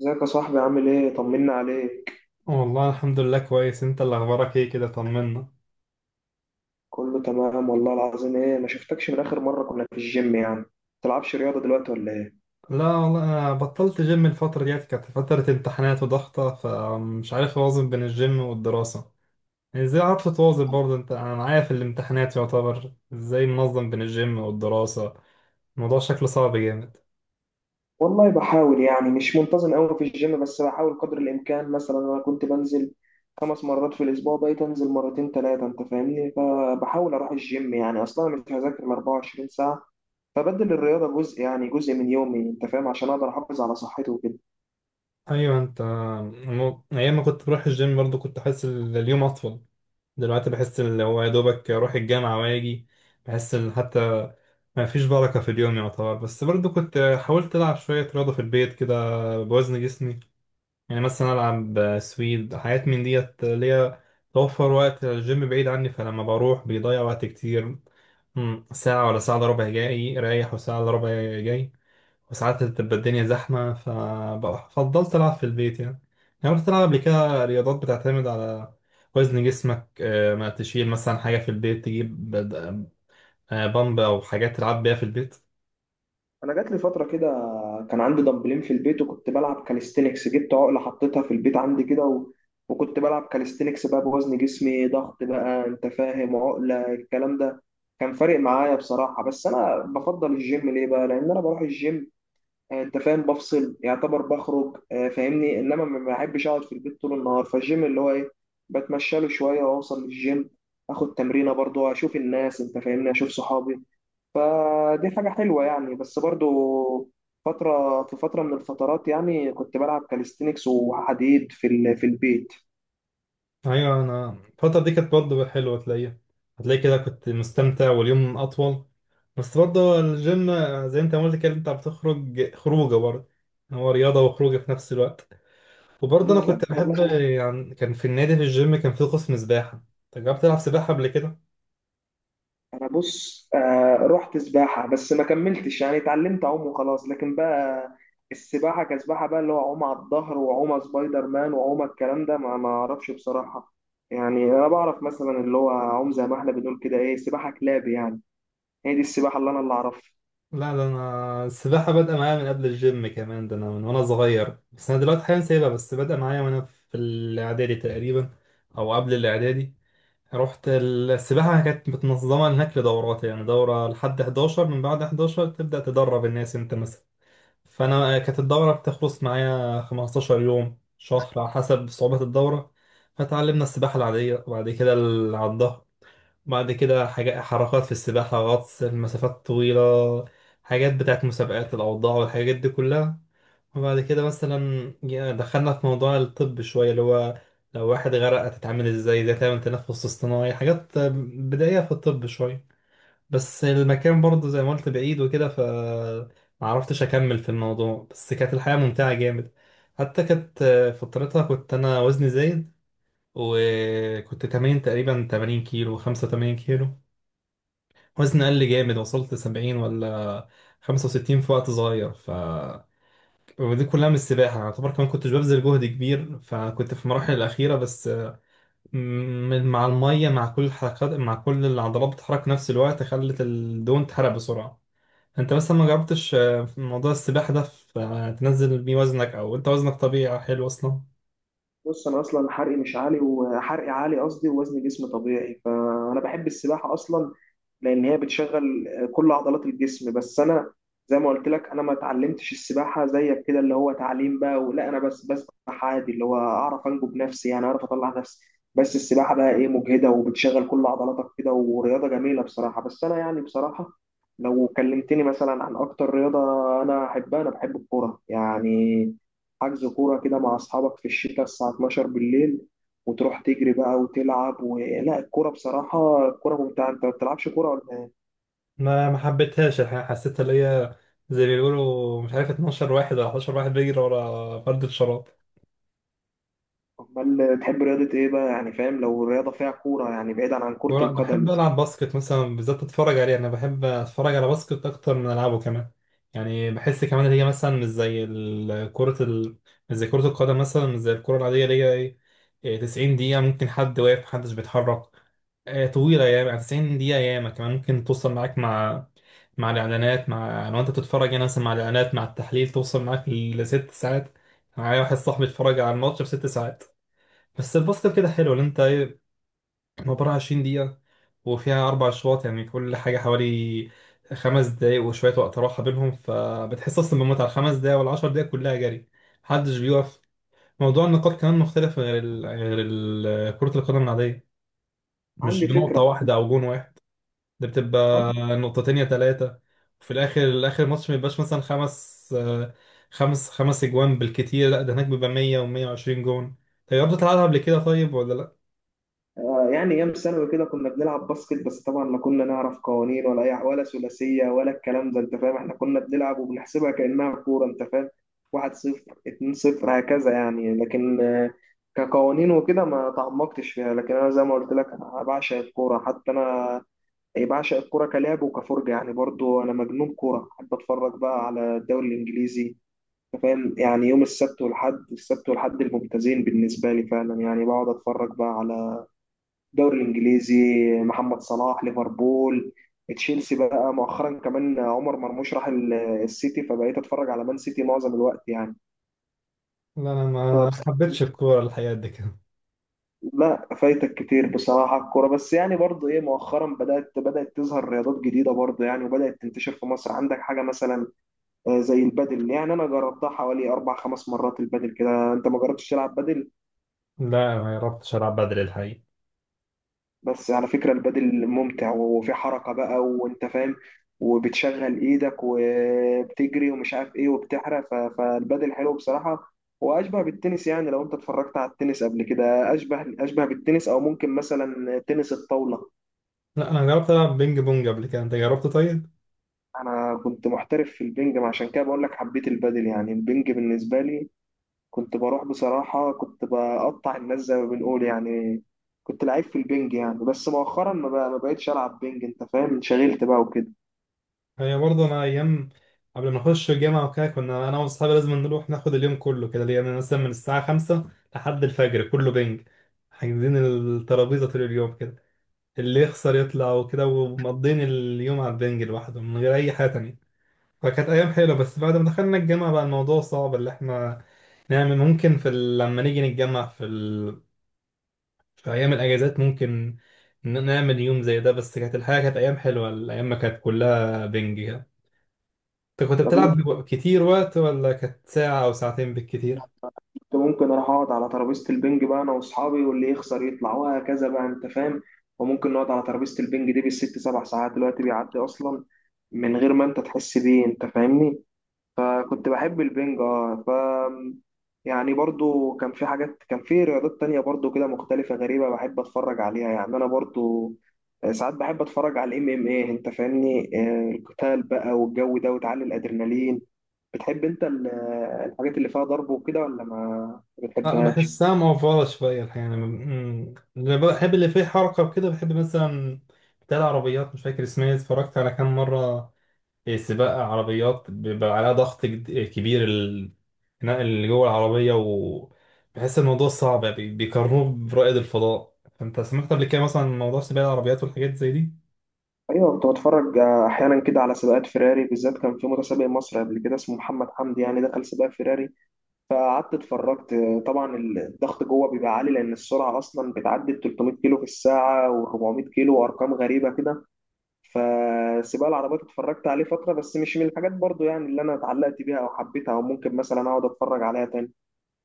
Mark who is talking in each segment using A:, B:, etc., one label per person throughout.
A: ازيك يا صاحبي؟ عامل ايه؟ طمنا عليك.
B: والله الحمد لله كويس. انت اللي اخبارك ايه كده؟ طمنا.
A: كله تمام والله العظيم. ايه، ما شفتكش من اخر مره كنا في الجيم. تلعبش رياضه دلوقتي ولا ايه؟
B: لا والله انا بطلت جيم، الفترة ديت كانت فترة امتحانات وضغطة، فمش عارف اوازن بين الجيم والدراسة. يعني ازاي عارف تواظب برضه انت؟ انا معايا في الامتحانات يعتبر ازاي منظم بين الجيم والدراسة؟ الموضوع شكله صعب جامد.
A: والله بحاول، يعني مش منتظم قوي في الجيم، بس بحاول قدر الامكان. مثلا انا كنت بنزل خمس مرات في الاسبوع، بقيت انزل مرتين ثلاثه، انت فاهمني. فبحاول اروح الجيم، يعني اصلا أنا مش هذاكر ال 24 ساعه، فبدل الرياضه جزء، جزء من يومي، انت فاهم، عشان اقدر احافظ على صحتي وكده.
B: ايوه انت. ايام ما كنت بروح الجيم برضه كنت احس اليوم اطول. دلوقتي بحس ان هو يا دوبك اروح الجامعه واجي. بحس ان حتى ما فيش بركه في اليوم يعتبر. بس برضو كنت حاولت العب شويه رياضه في البيت كده، بوزن جسمي. يعني مثلا العب سويد، حاجات من ديت اللي هي توفر وقت. الجيم بعيد عني فلما بروح بيضيع وقت كتير. ساعه ولا ساعه الا ربع جاي رايح، وساعه الا ربع جاي. وساعات بتبقى الدنيا زحمة، ففضلت ألعب في البيت يعني. يعني رحت ألعب قبل كده رياضات بتعتمد على وزن جسمك. ما تشيل مثلا حاجة في البيت، تجيب بامب أو حاجات تلعب بيها في البيت.
A: انا جات لي فتره كده كان عندي دمبلين في البيت، وكنت بلعب كاليستينكس، جبت عقله حطيتها في البيت عندي كده وكنت بلعب كاليستينكس بقى بوزن جسمي، ضغط بقى انت فاهم، عقله، الكلام ده كان فارق معايا بصراحه. بس انا بفضل الجيم ليه بقى؟ لان انا بروح الجيم، انت فاهم، بفصل يعتبر، بخرج، فاهمني. انما ما بحبش اقعد في البيت طول النهار، فالجيم اللي هو ايه، بتمشى له شويه واوصل للجيم، اخد تمرينه، برضو اشوف الناس انت فاهمني، اشوف صحابي، فدي حاجة حلوة يعني. بس برضو فترة في فترة من الفترات يعني كنت بلعب كاليستينكس وحديد في في البيت.
B: أيوة، أنا الفترة دي كانت برضه حلوة تلاقيها، هتلاقي كده كنت مستمتع واليوم أطول. بس برضه الجيم، زي أنت ما قلت كده، أنت بتخرج خروجة برضه. هو رياضة وخروجة في نفس الوقت. وبرضه انا كنت
A: بالظبط
B: بحب
A: والله.
B: يعني، كان في النادي في الجيم كان في قسم سباحه. انت جربت تلعب سباحه قبل كده؟
A: أنا بص، رحت سباحة بس ما كملتش، يعني اتعلمت أعوم وخلاص، لكن بقى السباحة كسباحة بقى، اللي هو أعوم على الظهر وأعوم سبايدر مان وأعوم الكلام ده، ما أعرفش بصراحة. يعني أنا بعرف مثلا اللي هو أعوم زي ما إحنا بنقول كده إيه، سباحة كلاب يعني، هي دي السباحة اللي أنا اللي أعرفها.
B: لا، ده انا السباحه بادئه معايا من قبل الجيم كمان، ده انا من وانا صغير، بس انا دلوقتي حاليا سايبها. بس بادئه معايا وانا في الاعدادي تقريبا، او قبل الاعدادي. رحت السباحه كانت متنظمه هناك لدورات، يعني دوره لحد 11، من بعد 11 تبدا تدرب الناس انت. فانا كانت الدوره بتخلص معايا 15 يوم، شهر، على حسب صعوبه الدوره. فتعلمنا السباحه العاديه، وبعد كده على الظهر. بعد كده حاجات، حركات في السباحه، غطس، المسافات الطويله، حاجات بتاعت مسابقات، الاوضاع والحاجات دي كلها. وبعد كده مثلا دخلنا في موضوع الطب شويه، اللي هو لو واحد غرق هتتعامل ازاي، ازاي تعمل تنفس اصطناعي، حاجات بدائيه في الطب شويه. بس المكان برضه زي ما قلت بعيد وكده، ف ما عرفتش اكمل في الموضوع. بس كانت الحياة ممتعة جامد. حتى كانت فترتها كنت انا وزني زايد، وكنت تمرين تقريبا 80 كيلو، 85 كيلو. وزني قل جامد، وصلت 70 ولا 65 في وقت صغير. ف ودي كلها من السباحة يعتبر. كمان كنتش ببذل جهد كبير، فكنت في المراحل الأخيرة بس مع المية، مع كل الحركات، مع كل العضلات بتتحرك نفس الوقت، خلت الدهون تحرق بسرعة. انت مثلا ما جربتش، في موضوع السباحة ده، في تنزل بيه وزنك، او انت وزنك طبيعي حلو اصلا؟
A: بص انا اصلا حرقي مش عالي، وحرقي عالي قصدي، ووزن جسمي طبيعي. فانا بحب السباحه اصلا لان هي بتشغل كل عضلات الجسم. بس انا زي ما قلت لك انا ما اتعلمتش السباحه زيك كده، اللي هو تعليم بقى، ولا انا بس بسبح عادي اللي هو اعرف انجو بنفسي، يعني اعرف اطلع نفسي. بس السباحه بقى ايه، مجهده وبتشغل كل عضلاتك كده، ورياضه جميله بصراحه. بس انا يعني بصراحه لو كلمتني مثلا عن اكتر رياضه انا احبها، انا بحب الكوره يعني. حجز كورة كده مع أصحابك في الشتاء الساعة 12 بالليل، وتروح تجري بقى وتلعب لا، الكورة بصراحة الكورة ممتعة. أنت ما بتلعبش كورة ولا إيه؟
B: ما حبيتهاش الحقيقة. حسيت اللي هي زي ما بيقولوا، مش عارف، 12 واحد ولا 11 واحد بيجري ورا فرد الشراب.
A: أمال تحب رياضة إيه بقى؟ يعني فاهم، لو الرياضة فيها كورة يعني، بعيدا عن كرة
B: بحب
A: القدم.
B: ألعب باسكت مثلا، بالذات أتفرج عليه. أنا بحب أتفرج على باسكت أكتر من ألعبه كمان. يعني بحس كمان إن هي مثلا مش زي كرة مش زي كرة القدم مثلا، مش زي الكرة العادية اللي هي إيه. 90 دقيقة ممكن حد واقف محدش بيتحرك. طويلة ياما، 90 دقيقة ياما كمان ممكن توصل معاك مع، مع الإعلانات، مع لو أنت بتتفرج يعني مثلا، مع الإعلانات مع التحليل، توصل معاك لست ساعات. معايا واحد صاحبي اتفرج على الماتش بست ساعات. بس الباسكت كده حلو، اللي أنت عبارة عن 20 دقيقة، وفيها أربع أشواط. يعني كل حاجة حوالي خمس دقايق وشوية، وقت راحة بينهم. فبتحس أصلا بالمتعة. الخمس دقايق والعشر دقايق كلها جري، محدش بيقف. موضوع النقاط كمان مختلف غير كرة القدم العادية. مش
A: عندي
B: بنقطة
A: فكرة.
B: واحدة أو جون واحد، ده بتبقى نقطتين يا تلاتة. وفي الآخر، آخر ماتش ما يبقاش مثلا خمس آه، خمس خمس أجوان بالكتير. لا، ده هناك بيبقى 100 و120 جون. طيب جربت تلعبها قبل كده طيب ولا لا؟
A: يعني ايام ثانوي كده كنا بنلعب باسكت، بس طبعا لا كنا نعرف قوانين ولا أي، ولا ثلاثيه ولا الكلام ده انت فاهم، احنا كنا بنلعب وبنحسبها كانها كوره انت فاهم. 1-0، 2-0، هكذا يعني. لكن كقوانين وكده ما تعمقتش فيها. لكن انا زي ما قلت لك، أنا بعشق الكوره، حتى انا أي بعشق الكوره كلعب وكفرجه يعني. برضو انا مجنون كوره، احب اتفرج بقى على الدوري الانجليزي، أنت فاهم يعني. يوم السبت والحد، الممتازين بالنسبه لي فعلا يعني، بقعد اتفرج بقى على الدوري الانجليزي. محمد صلاح ليفربول، تشيلسي بقى، مؤخرا كمان عمر مرموش راح السيتي، فبقيت اتفرج على مان سيتي معظم الوقت يعني.
B: لا أنا
A: فبصراحة
B: ما حبيتش الكورة الحقيقة قد كده.
A: لا، فايتك كتير بصراحة الكورة. بس يعني برضو ايه، مؤخرا بدأت تظهر رياضات جديدة برضو يعني، وبدأت تنتشر في مصر. عندك حاجة مثلا زي البادل. يعني انا جربتها حوالي اربع خمس مرات البادل كده. انت ما جربتش تلعب بادل؟
B: لا، ما جربتش ألعب بدل الحقيقة.
A: بس على فكرة البادل ممتع، وفي حركة بقى وانت فاهم، وبتشغل ايدك وبتجري ومش عارف ايه، وبتحرق. فالبادل حلو بصراحة، واشبه بالتنس يعني. لو انت اتفرجت على التنس قبل كده، اشبه بالتنس، او ممكن مثلا تنس الطاولة.
B: لا أنا جربت ألعب بينج بونج قبل كده، أنت جربت طيب؟
A: انا كنت محترف في البنج، ما عشان كده بقول لك حبيت البادل. يعني البنج بالنسبة لي، كنت بروح بصراحة كنت بقطع الناس زي ما بنقول يعني، كنت لعيب في البنج يعني. بس مؤخرا ما بقتش العب بنج انت فاهم، انشغلت بقى وكده.
B: هي برضه، أنا أيام قبل ما نخش الجامعة وكده، كنا أنا وأصحابي لازم نروح ناخد اليوم كله كده، يعني مثلا من الساعة خمسة لحد الفجر كله بينج، حاجزين الترابيزة طول اليوم كده، اللي يخسر يطلع وكده. ومقضين اليوم على البنج لوحده من غير أي حاجة تانية. فكانت أيام حلوة. بس بعد ما دخلنا الجامعة بقى الموضوع صعب، اللي إحنا نعمل ممكن في لما نيجي نتجمع في في أيام الأجازات، ممكن نعمل يوم زي ده. بس كانت الحياة، كانت أيام حلوة، الأيام ما كانت كلها بنج كده. أنت كنت
A: طب
B: بتلعب
A: انت
B: كتير وقت، ولا كانت ساعة أو ساعتين بالكتير؟
A: كنت ممكن اروح اقعد على ترابيزه البنج بقى انا واصحابي، واللي يخسر يطلع وهكذا بقى انت فاهم. وممكن نقعد على ترابيزه البنج دي بالست سبع ساعات، دلوقتي بيعدي اصلا من غير ما انت تحس بيه انت فاهمني. فكنت بحب البنج اه. ف يعني برضو كان في حاجات، كان في رياضات تانية برضو كده مختلفة غريبة بحب اتفرج عليها يعني. انا برضو ساعات بحب اتفرج على الMMA، انت فاهمني، القتال بقى والجو ده، وتعلي الادرينالين. بتحب انت الحاجات اللي فيها ضرب وكده ولا ما
B: أه
A: بتحبهاش؟
B: بحسها موفرة شوية الحقيقة. أنا اللي بحب اللي فيه حركة وكده، بحب مثلا بتاع العربيات مش فاكر اسمها، اتفرجت على كام مرة سباق عربيات بيبقى عليها ضغط كبير. الخناق اللي جوه العربية وبحس الموضوع صعب يعني، بيقارنوه برائد الفضاء. فأنت سمعت قبل كده مثلا عن موضوع سباق العربيات والحاجات زي دي؟
A: ايوه، كنت بتفرج احيانا كده على سباقات فيراري، بالذات كان في متسابق مصري قبل كده اسمه محمد حمدي يعني دخل سباق فيراري، فقعدت اتفرجت. طبعا الضغط جوه بيبقى عالي لان السرعه اصلا بتعدي ال 300 كيلو في الساعه و400 كيلو، وارقام غريبه كده. فسباق العربيات اتفرجت عليه فتره، بس مش من الحاجات برضو يعني اللي انا اتعلقت بيها او حبيتها، او ممكن مثلا اقعد اتفرج عليها تاني.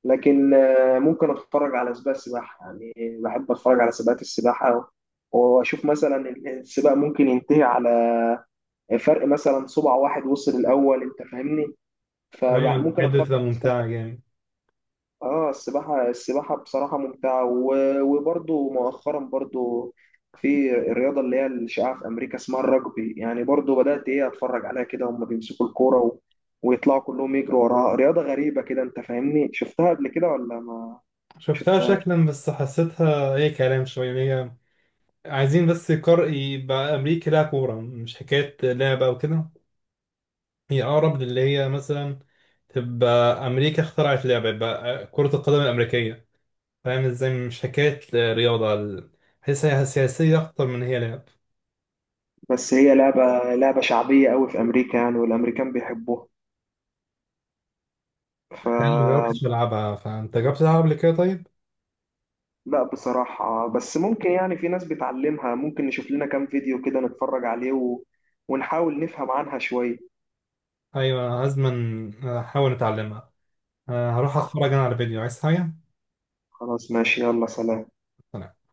A: لكن ممكن اتفرج على سباق سباحه يعني، بحب اتفرج على سباقات السباحه، واشوف مثلا السباق ممكن ينتهي على فرق مثلا صبع واحد، وصل الاول انت فاهمني.
B: أيوة ايوه،
A: فممكن
B: الحاجات دي
A: اتفرج
B: بتبقى
A: على السباحه.
B: ممتعة جامد.
A: اه، السباحه بصراحه ممتعه. وبرضو مؤخرا برضو في الرياضه اللي هي الشائعه في امريكا اسمها الرجبي يعني، برضو بدات ايه اتفرج عليها كده. هم بيمسكوا الكوره ويطلعوا كلهم يجروا وراها، رياضه غريبه كده انت فاهمني. شفتها قبل كده ولا ما
B: شفتها
A: شفتها؟
B: شكلا بس حسيتها أي كلام شوية، إن هي عايزين بس يقر، يبقى أمريكا لها كورة، مش حكاية لعبة أو كده. هي أقرب للي هي مثلا تبقى أمريكا اخترعت لعبة، يبقى كرة القدم الأمريكية. فاهم ازاي؟ مش حكاية رياضة بحسها سياسية أكتر من هي لعب.
A: بس هي لعبة شعبية قوي في أمريكا يعني، والأمريكان بيحبوها. ف
B: أنا ما جربتش ألعبها، فأنت جربت تلعب قبل كده طيب؟
A: لا بصراحة، بس ممكن يعني في ناس بتعلمها، ممكن نشوف لنا كام فيديو كده نتفرج عليه ونحاول نفهم عنها شوية.
B: أيوة لازما أحاول أتعلمها. أه، هروح أتفرج أنا على فيديو. عايز حاجة؟
A: خلاص ماشي، يلا سلام.
B: سلام.